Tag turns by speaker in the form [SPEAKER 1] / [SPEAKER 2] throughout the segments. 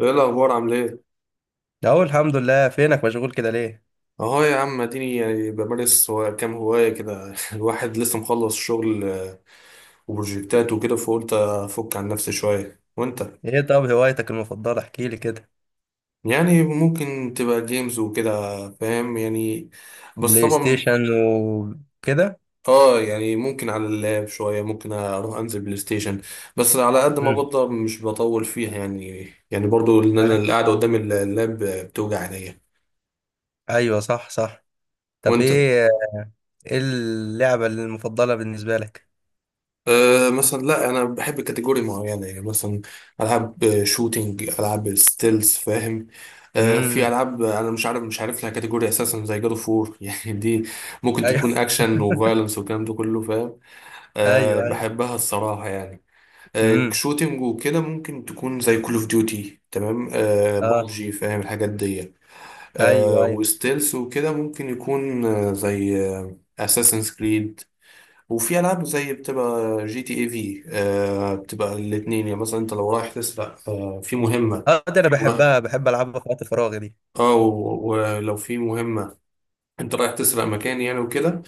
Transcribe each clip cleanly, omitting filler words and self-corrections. [SPEAKER 1] ايه الاخبار؟ عامل ايه؟
[SPEAKER 2] اهو الحمد لله. فينك؟ مشغول كده ليه؟
[SPEAKER 1] اهو يا عم اديني بمارس كام هوايه كده. الواحد لسه مخلص شغل وبروجكتات وكده، فقلت افك عن نفسي شويه. وانت؟
[SPEAKER 2] ايه، طب هوايتك المفضله؟ احكي لي كده.
[SPEAKER 1] يعني ممكن تبقى جيمز وكده، فاهم يعني، بس
[SPEAKER 2] بلاي
[SPEAKER 1] طبعا
[SPEAKER 2] ستيشن وكده؟
[SPEAKER 1] اه، يعني ممكن على اللاب شويه، ممكن اروح انزل بلاي ستيشن، بس على قد ما
[SPEAKER 2] مم.
[SPEAKER 1] بقدر مش بطول فيها يعني. يعني برضو ان انا القعده قدام اللاب بتوجع عينيا.
[SPEAKER 2] ايوه، صح صح. طب
[SPEAKER 1] وانت؟
[SPEAKER 2] ايه؟ ايه اللعبه المفضله بالنسبه لك؟
[SPEAKER 1] أه مثلا، لا انا بحب كاتيجوري معينه، يعني مثلا العاب شوتينج، العاب ستيلز، فاهم. أه في
[SPEAKER 2] امم.
[SPEAKER 1] العاب انا مش عارف لها كاتيجوري اساسا، زي جاد اوف وور. يعني دي ممكن
[SPEAKER 2] ايوه.
[SPEAKER 1] تكون اكشن وفايلنس والكلام ده كله، فاهم. أه
[SPEAKER 2] ايوه ايوه.
[SPEAKER 1] بحبها الصراحه يعني. أه
[SPEAKER 2] امم.
[SPEAKER 1] شوتينج وكده ممكن تكون زي كول اوف ديوتي، تمام، أه
[SPEAKER 2] اه.
[SPEAKER 1] بابجي، فاهم الحاجات دي. أه
[SPEAKER 2] ايوه ايوه.
[SPEAKER 1] وستيلز وكده ممكن يكون زي اساسن كريد. وفي العاب زي بتبقى جي تي اي في، آه، بتبقى الاثنين يعني. مثلا انت لو رايح تسرق، آه، في مهمه
[SPEAKER 2] اه، دي انا
[SPEAKER 1] ورايح،
[SPEAKER 2] بحبها، بحب العبها في وقت فراغي دي.
[SPEAKER 1] اه، ولو في مهمه انت رايح تسرق مكان يعني وكده،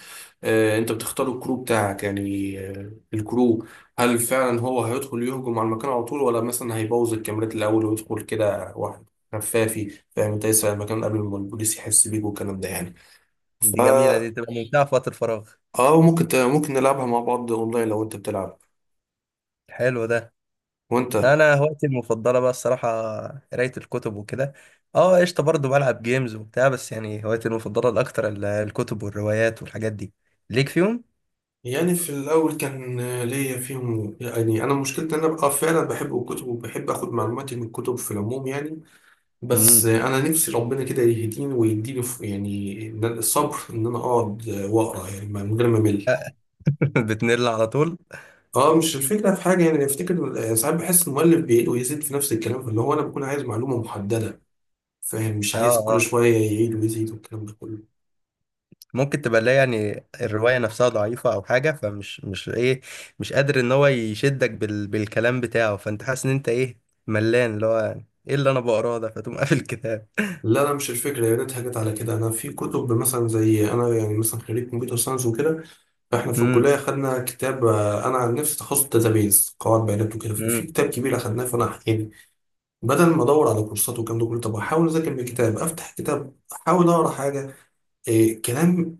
[SPEAKER 1] آه، انت بتختار الكرو بتاعك يعني، آه، الكرو، هل فعلا هو هيدخل يهجم على المكان على طول، ولا مثلا هيبوظ الكاميرات الاول ويدخل كده واحد خفافي، فاهم انت، يسرق المكان قبل ما البوليس يحس بيك والكلام ده يعني. ف
[SPEAKER 2] دي جميله، دي تبقى ممتعه في وقت الفراغ.
[SPEAKER 1] اه، وممكن ممكن نلعبها مع بعض اونلاين لو انت بتلعب.
[SPEAKER 2] حلو ده. لا
[SPEAKER 1] وانت؟
[SPEAKER 2] انا هوايتي المفضله بقى الصراحه، قرايه الكتب وكده. اه قشطه، برضه بلعب جيمز وبتاع، بس يعني هوايتي المفضله الاكتر الكتب والروايات والحاجات دي ليك فيهم.
[SPEAKER 1] يعني في الأول كان ليا فيهم يعني. أنا مشكلتي إن أنا بقى فعلا بحب الكتب وبحب آخد معلوماتي من الكتب في العموم يعني، بس
[SPEAKER 2] امم.
[SPEAKER 1] أنا نفسي ربنا كده يهديني ويديني يعني، الصبر إن أنا أقعد وأقرأ يعني من غير ما أمل.
[SPEAKER 2] بتنل على طول.
[SPEAKER 1] أه مش الفكرة في حاجة يعني، أفتكر ساعات بحس المؤلف بيعيد ويزيد في نفس الكلام، فاللي هو أنا بكون عايز معلومة محددة، فاهم، مش
[SPEAKER 2] اه
[SPEAKER 1] عايز كل
[SPEAKER 2] اه.
[SPEAKER 1] شوية يعيد ويزيد والكلام ده كله.
[SPEAKER 2] ممكن تبقى لا، يعني الروايه نفسها ضعيفه او حاجه، فمش مش ايه، مش قادر ان هو يشدك بالكلام بتاعه، فانت حاسس ان انت ايه، ملان، اللي هو ايه اللي انا بقراه ده، فتقوم قافل الكتاب.
[SPEAKER 1] لا، مش الفكرة، يا ريتها جت على كده. أنا في كتب مثلا، زي أنا يعني مثلا خريج كمبيوتر ساينس وكده، احنا في
[SPEAKER 2] امم
[SPEAKER 1] الكلية خدنا كتاب، انا عن نفسي تخصص داتابيز، قواعد بيانات وكده، في
[SPEAKER 2] امم.
[SPEAKER 1] كتاب كبير اخدناه، فانا يعني بدل ما ادور على كورسات والكلام ده كله، طب احاول اذاكر من كتاب، افتح كتاب احاول اقرا حاجة. إيه كلام،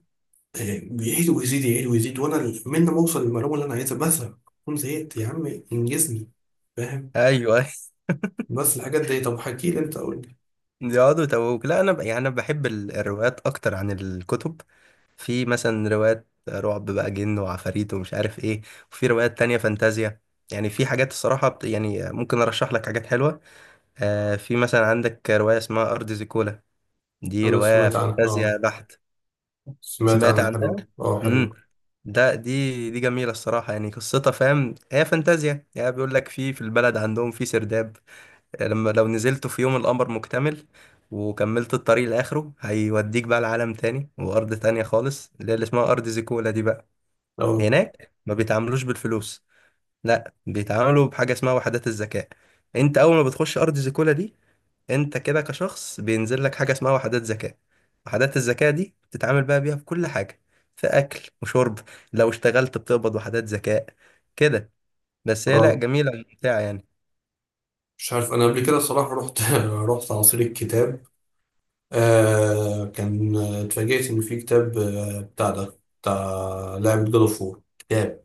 [SPEAKER 1] إيه، بيعيد ويزيد، يعيد ويزيد، وانا من ما اوصل للمعلومة اللي انا عايزها بزهق، اكون زهقت يا عم، انجزني، فاهم.
[SPEAKER 2] ايوه.
[SPEAKER 1] بس الحاجات دي، طب حكي لي انت، قول لي.
[SPEAKER 2] يقعدوا يتوهوك. لا انا يعني انا بحب الروايات اكتر عن الكتب. في مثلا روايات رعب بقى، جن وعفاريت ومش عارف ايه. وفي روايات تانية فانتازيا. يعني في حاجات الصراحة يعني ممكن ارشح لك حاجات حلوة. في مثلا عندك رواية اسمها ارض زيكولا. دي
[SPEAKER 1] انا
[SPEAKER 2] رواية
[SPEAKER 1] سمعت عنها اه،
[SPEAKER 2] فانتازيا بحت.
[SPEAKER 1] سمعت
[SPEAKER 2] سمعت
[SPEAKER 1] عنها،
[SPEAKER 2] عنها.
[SPEAKER 1] حلوة اه،
[SPEAKER 2] امم.
[SPEAKER 1] حلوة
[SPEAKER 2] ده دي دي جميلة الصراحة، يعني قصتها، فاهم هي فانتازيا، يعني بيقول لك في البلد عندهم في سرداب، لما لو نزلت في يوم القمر مكتمل وكملت الطريق لآخره، هيوديك بقى لعالم تاني وأرض تانية خالص، اللي هي اللي اسمها أرض زيكولا دي بقى.
[SPEAKER 1] اه
[SPEAKER 2] هناك ما بيتعاملوش بالفلوس، لا بيتعاملوا بحاجة اسمها وحدات الذكاء. انت أول ما بتخش أرض زيكولا دي، انت كده كشخص بينزل لك حاجة اسمها وحدات ذكاء. وحدات الذكاء دي بتتعامل بقى بيها في كل حاجة، في أكل وشرب، لو اشتغلت بتقبض وحدات ذكاء كده. بس هي لا،
[SPEAKER 1] اه.
[SPEAKER 2] جميلة وممتعة يعني.
[SPEAKER 1] مش عارف انا قبل كده الصراحة رحت، رحت عصير الكتاب، آه كان اتفاجئت ان في كتاب آه بتاع ده بتاع لعبة جاد اوف وور كتاب،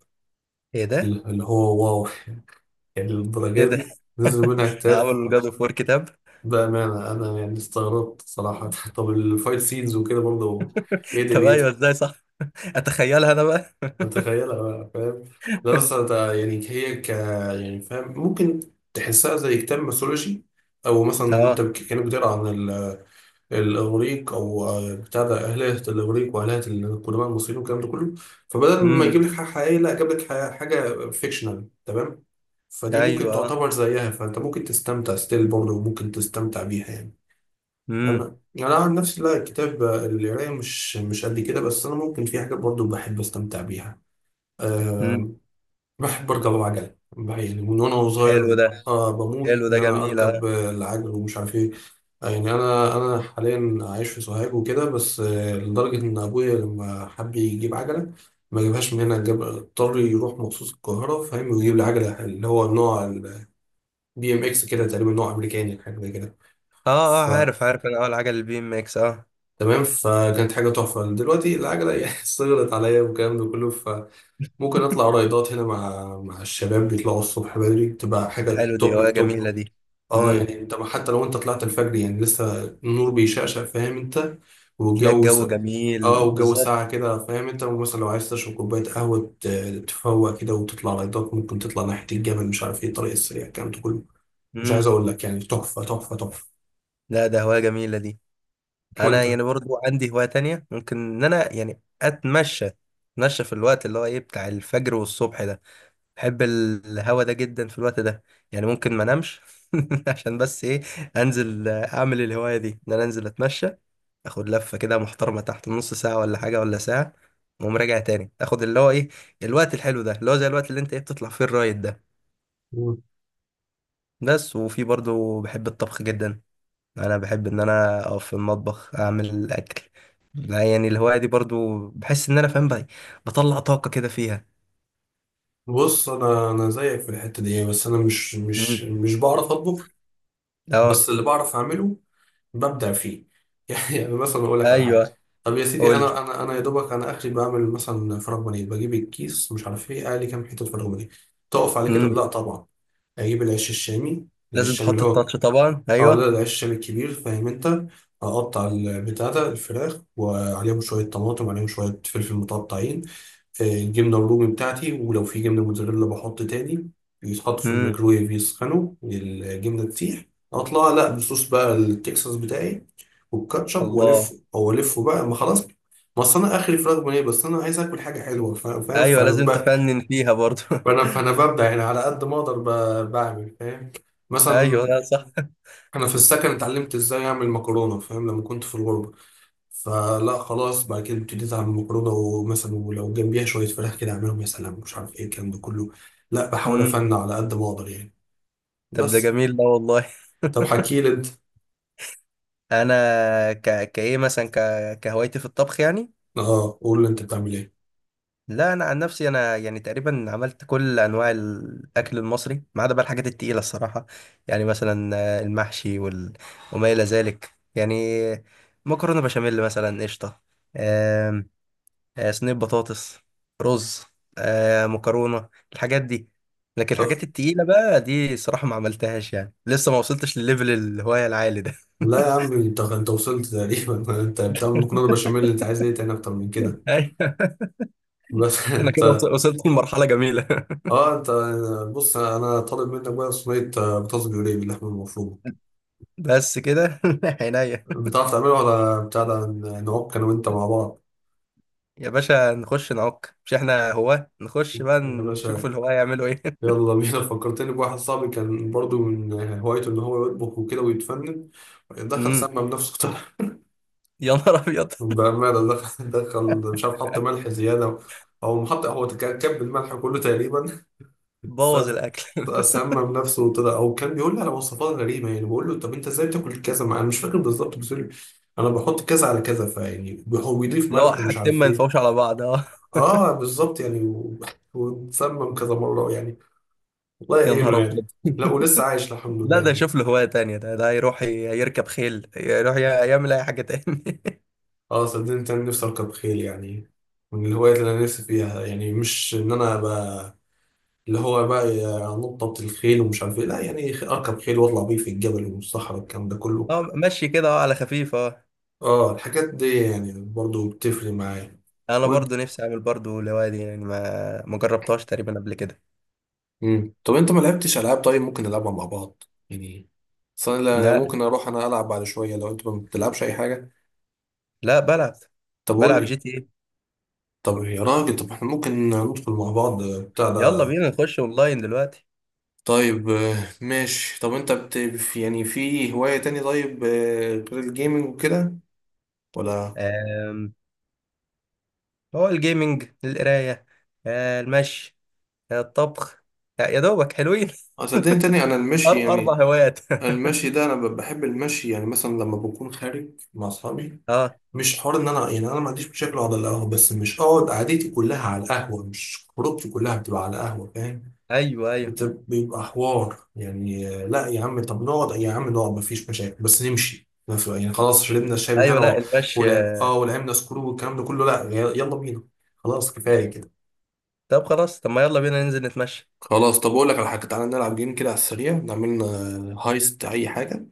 [SPEAKER 2] ايه ده؟
[SPEAKER 1] اللي هو واو. يعني
[SPEAKER 2] ايه
[SPEAKER 1] للدرجة
[SPEAKER 2] ده؟
[SPEAKER 1] دي نزل منها كتاب؟
[SPEAKER 2] عملوا الجاد اوف وور كتاب؟
[SPEAKER 1] بأمانة أنا يعني استغربت صراحة. طب الفايت سينز وكده برضه، إيه
[SPEAKER 2] طب ايوه،
[SPEAKER 1] دنيتها؟
[SPEAKER 2] ازاي، صح. اتخيلها انا بقى.
[SPEAKER 1] متخيلها بقى فاهم؟ لا بس أنا يعني هي ك يعني فاهم، ممكن تحسها زي كتاب ميثولوجي، أو مثلا أنت
[SPEAKER 2] اه.
[SPEAKER 1] كأنك بتقرا عن الاغريق، او بتاع ده اهليه الاغريق واهليه القدماء المصريين والكلام ده كله. فبدل ما يجيب
[SPEAKER 2] امم.
[SPEAKER 1] لك حاجه حقيقيه، لا جاب لك حاجه فيكشنال، تمام، فدي ممكن
[SPEAKER 2] ايوه.
[SPEAKER 1] تعتبر زيها، فانت ممكن تستمتع ستيل برضه وممكن تستمتع بيها يعني.
[SPEAKER 2] امم
[SPEAKER 1] انا عن نفسي لا الكتاب القرايه مش مش قد كده، بس انا ممكن في حاجات برضه بحب استمتع بيها.
[SPEAKER 2] امم.
[SPEAKER 1] أه بحب اركب العجل، يعني من وانا
[SPEAKER 2] حلو
[SPEAKER 1] صغير.
[SPEAKER 2] ده.
[SPEAKER 1] أه بموت
[SPEAKER 2] حلو
[SPEAKER 1] ان
[SPEAKER 2] ده،
[SPEAKER 1] انا
[SPEAKER 2] جميل. اه.
[SPEAKER 1] اركب، العجل، ومش عارف ايه. يعني انا حاليا عايش في سوهاج وكده، بس لدرجه ان ابويا لما حب يجيب عجله ما جابهاش من هنا، جاب اضطر يروح مخصوص القاهره، فاهم، ويجيب لي عجله اللي هو نوع البي إم إكس كده تقريبا، نوع امريكاني حاجه زي كده.
[SPEAKER 2] اه
[SPEAKER 1] ف
[SPEAKER 2] عارف عارف، انا اول حاجه البي ام اكس، اه.
[SPEAKER 1] تمام، فكانت حاجه تحفه. دلوقتي العجله يعني صغرت عليا والكلام ده كله، فممكن اطلع رايدات هنا مع الشباب، بيطلعوا الصبح بدري تبقى
[SPEAKER 2] ده
[SPEAKER 1] حاجه
[SPEAKER 2] حلو، دي
[SPEAKER 1] توب
[SPEAKER 2] هوايه جميله
[SPEAKER 1] التوب.
[SPEAKER 2] دي.
[SPEAKER 1] اه،
[SPEAKER 2] امم.
[SPEAKER 1] يعني انت حتى لو انت طلعت الفجر يعني لسه النور بيشقشق، فاهم انت،
[SPEAKER 2] تلاقي
[SPEAKER 1] والجو س...
[SPEAKER 2] الجو
[SPEAKER 1] اه
[SPEAKER 2] جميل
[SPEAKER 1] والجو ساقع
[SPEAKER 2] بالظبط.
[SPEAKER 1] كده، فاهم انت، ومثلا لو عايز تشرب كوباية قهوة، تفوق كده وتطلع لايتات، ممكن تطلع ناحية الجبل، مش عارف ايه، الطريق السريع، الكلام ده كله، مش عايز
[SPEAKER 2] امم.
[SPEAKER 1] اقول لك يعني، تحفة تحفة تحفة.
[SPEAKER 2] لا ده هوايه جميله دي. انا
[SPEAKER 1] وانت؟
[SPEAKER 2] يعني برضو عندي هوايه تانية، ممكن ان انا يعني اتمشى في الوقت اللي هو ايه بتاع الفجر والصبح ده. بحب الهوا ده جدا في الوقت ده. يعني ممكن ما انامش عشان بس ايه، انزل اعمل الهواية دي، ان انا انزل اتمشى، اخد لفة كده محترمة، تحت نص ساعة ولا حاجة ولا ساعة، واقوم راجع تاني، اخد اللي هو ايه الوقت الحلو ده، اللي هو زي الوقت اللي انت ايه بتطلع فيه الرايد ده.
[SPEAKER 1] مم.
[SPEAKER 2] بس وفي برضو بحب الطبخ جدا. انا بحب ان انا اقف في المطبخ اعمل الاكل، لا يعني الهواية دي برضو بحس ان انا فاهم بقى، بطلع طاقة كده فيها.
[SPEAKER 1] بص انا، زيك في الحتة دي، بس انا مش مش
[SPEAKER 2] مم.
[SPEAKER 1] مش بعرف اطبخ.
[SPEAKER 2] اه
[SPEAKER 1] بس اللي بعرف اعمله ببدع فيه. يعني مثلا اقول لك على حاجه،
[SPEAKER 2] ايوه،
[SPEAKER 1] طب يا سيدي،
[SPEAKER 2] قول.
[SPEAKER 1] انا يا دوبك انا اخري بعمل مثلا فراخ بانيه، بجيب الكيس مش عارف ايه، اقلي كام حته فراخ بانيه، تقف على كده؟
[SPEAKER 2] مم.
[SPEAKER 1] لا طبعا. اجيب العيش الشامي، العيش
[SPEAKER 2] لازم
[SPEAKER 1] الشامي اللي
[SPEAKER 2] تحط
[SPEAKER 1] هو،
[SPEAKER 2] التاتش طبعا،
[SPEAKER 1] اه لا
[SPEAKER 2] ايوه.
[SPEAKER 1] العيش الشامي الكبير، فاهم انت، اقطع البتاع ده الفراخ، وعليهم شويه طماطم، عليهم شويه فلفل متقطعين، الجبنه الرومي بتاعتي، ولو في جبنه موتزاريلا بحط تاني، يتحط في
[SPEAKER 2] امم.
[SPEAKER 1] الميكرويف يسخنوا الجبنه تسيح، اطلع لا بصوص بقى التكساس بتاعي، والكاتشب، والفه
[SPEAKER 2] الله.
[SPEAKER 1] او الفه بقى ما خلاص. ما اصل انا اخري فراخ بانيه، بس انا عايز اكل حاجه حلوه، فاهم،
[SPEAKER 2] ايوه، لازم تفنن فيها برضو.
[SPEAKER 1] فانا ببدع يعني على قد ما اقدر، بعمل فاهم.
[SPEAKER 2] ايوه،
[SPEAKER 1] مثلا،
[SPEAKER 2] لا صح.
[SPEAKER 1] انا في السكن اتعلمت ازاي اعمل مكرونه، فاهم لما كنت في الغربه، فلا خلاص بعد كده ابتديت اعمل مكرونه، ومثلا ولو جنبيها شويه فراخ كده اعملهم، يا سلام، مش عارف ايه الكلام ده كله، لا بحاول
[SPEAKER 2] امم.
[SPEAKER 1] افنن على قد ما اقدر يعني.
[SPEAKER 2] طب ده
[SPEAKER 1] بس،
[SPEAKER 2] جميل ده والله.
[SPEAKER 1] طب حكي لي انت،
[SPEAKER 2] انا كايه مثلا كهوايتي في الطبخ يعني.
[SPEAKER 1] اه قول لي انت بتعمل ايه؟
[SPEAKER 2] لا انا عن نفسي انا يعني تقريبا عملت كل انواع الاكل المصري، ما عدا بقى الحاجات التقيله الصراحه. يعني مثلا المحشي وما الى ذلك، يعني، مكرونه بشاميل مثلا، قشطه، صينية بطاطس، رز، مكرونة، الحاجات دي. لكن الحاجات التقيلة بقى دي صراحة ما عملتهاش، يعني لسه ما وصلتش لليفل الهواية العالي ده.
[SPEAKER 1] لا يا عم، انت وصلت تقريبا. انت بتعمل مكرونه بشاميل، اللي انت عايز ايه تاني اكتر من كده؟
[SPEAKER 2] أيوة.
[SPEAKER 1] بس.
[SPEAKER 2] انا كده وص-
[SPEAKER 1] انت
[SPEAKER 2] وصلت لمرحلة جميلة.
[SPEAKER 1] اه، انت بص، انا طالب منك بقى صينيه بطاطس بيوريه باللحمه المفرومه،
[SPEAKER 2] بس كده عينيا.
[SPEAKER 1] بتعرف تعملها؟ ولا بتاع ده، نعك انا وانت مع بعض؟
[SPEAKER 2] يا باشا نخش نعك، مش احنا هواة؟ نخش بقى
[SPEAKER 1] يا باشا،
[SPEAKER 2] نشوف الهواة يعملوا ايه.
[SPEAKER 1] يلا بينا. فكرتني بواحد صاحبي كان برضو من هوايته ان هو يطبخ وكده ويتفنن. دخل
[SPEAKER 2] امم.
[SPEAKER 1] سمى بنفسه طبعا.
[SPEAKER 2] يا نهار ابيض.
[SPEAKER 1] بأمانة، دخل مش عارف حط ملح زيادة، أو محط هو كب الملح كله تقريبا،
[SPEAKER 2] بوظ
[SPEAKER 1] ساب-
[SPEAKER 2] الاكل.
[SPEAKER 1] سمم نفسه وطلع. او كان بيقول لي على وصفات غريبه، يعني بقول له طب انت ازاي بتاكل كذا، ما انا مش فاكر بالظبط بس يقول لي انا بحط كذا على كذا، فيعني هو بيضيف
[SPEAKER 2] لا
[SPEAKER 1] ملح ومش
[SPEAKER 2] حاجتين
[SPEAKER 1] عارف
[SPEAKER 2] ما
[SPEAKER 1] ايه.
[SPEAKER 2] ينفعوش على بعض، اه.
[SPEAKER 1] اه بالظبط يعني، واتسمم كذا مره يعني، الله
[SPEAKER 2] يا
[SPEAKER 1] يعينه
[SPEAKER 2] نهار ابيض.
[SPEAKER 1] يعني. لا ولسه عايش الحمد
[SPEAKER 2] لا
[SPEAKER 1] لله
[SPEAKER 2] ده
[SPEAKER 1] يعني.
[SPEAKER 2] يشوف له هواية تانية، ده يروح يركب خيل، يروح يعمل أي حاجة تاني.
[SPEAKER 1] اه صدقني انا نفسي اركب خيل يعني، من الهوايات اللي انا نفسي فيها. يعني مش ان انا ابقى اللي هو بقى نطة الخيل ومش عارف ايه، لا يعني اركب خيل واطلع بيه في الجبل والصحراء، الكلام ده كله.
[SPEAKER 2] اه مشي كده، اه على خفيف، اه.
[SPEAKER 1] اه الحاجات دي يعني برضو بتفرق معايا.
[SPEAKER 2] أنا
[SPEAKER 1] وانت؟
[SPEAKER 2] برضو نفسي أعمل برضو الهواية دي يعني، ما جربتهاش تقريبا قبل كده.
[SPEAKER 1] امم، طب انت ما لعبتش العاب طيب؟ ممكن نلعبها مع بعض يعني. اصل أنا
[SPEAKER 2] لا
[SPEAKER 1] ممكن اروح انا العب بعد شويه لو انت ما بتلعبش اي حاجه.
[SPEAKER 2] لا، بلعب،
[SPEAKER 1] طب قول
[SPEAKER 2] بلعب جي
[SPEAKER 1] لي،
[SPEAKER 2] تي ايه.
[SPEAKER 1] طب يا راجل، طب احنا ممكن ندخل مع بعض بتاع
[SPEAKER 2] يلا
[SPEAKER 1] ده.
[SPEAKER 2] بينا نخش أونلاين دلوقتي.
[SPEAKER 1] طيب ماشي، طب انت يعني في هوايه تاني طيب غير الجيمنج وكده ولا؟
[SPEAKER 2] آم، هو الجيمنج، القراية، المشي، الطبخ، يا دوبك حلوين.
[SPEAKER 1] صدقني تاني انا المشي
[SPEAKER 2] أربع
[SPEAKER 1] يعني،
[SPEAKER 2] هوايات.
[SPEAKER 1] أنا المشي ده انا بحب المشي. يعني مثلا لما بكون خارج مع اصحابي،
[SPEAKER 2] اه.
[SPEAKER 1] مش حوار ان انا، يعني انا ما عنديش مشاكل اقعد على القهوه، بس مش اقعد قعدتي كلها على القهوه، مش خروجتي كلها بتبقى على القهوه، فاهم،
[SPEAKER 2] أيوه أيوه.
[SPEAKER 1] بيبقى حوار يعني، لا يا عم طب نقعد، يا عم نقعد ما فيش مشاكل بس نمشي، ما في- يعني خلاص شربنا الشاي
[SPEAKER 2] أيوه
[SPEAKER 1] بتاعنا
[SPEAKER 2] لا،
[SPEAKER 1] و
[SPEAKER 2] المشي
[SPEAKER 1] ولا
[SPEAKER 2] آه.
[SPEAKER 1] اه ولعبنا سكرو والكلام ده كله، لا يلا بينا، خلاص كفايه كده.
[SPEAKER 2] طب خلاص، طب ما يلا بينا ننزل نتمشى.
[SPEAKER 1] خلاص، طب اقول لك على حاجه، تعالى نلعب جيم كده على السريع، نعمل لنا هايست اي حاجه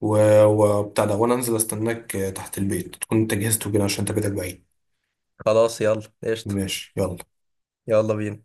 [SPEAKER 1] و وبتاع ده، وانا انزل استناك تحت البيت، تكون انت جهزت وكده عشان انت بيتك بعيد.
[SPEAKER 2] خلاص يلا قشطة.
[SPEAKER 1] ماشي يلا.
[SPEAKER 2] يلا بينا.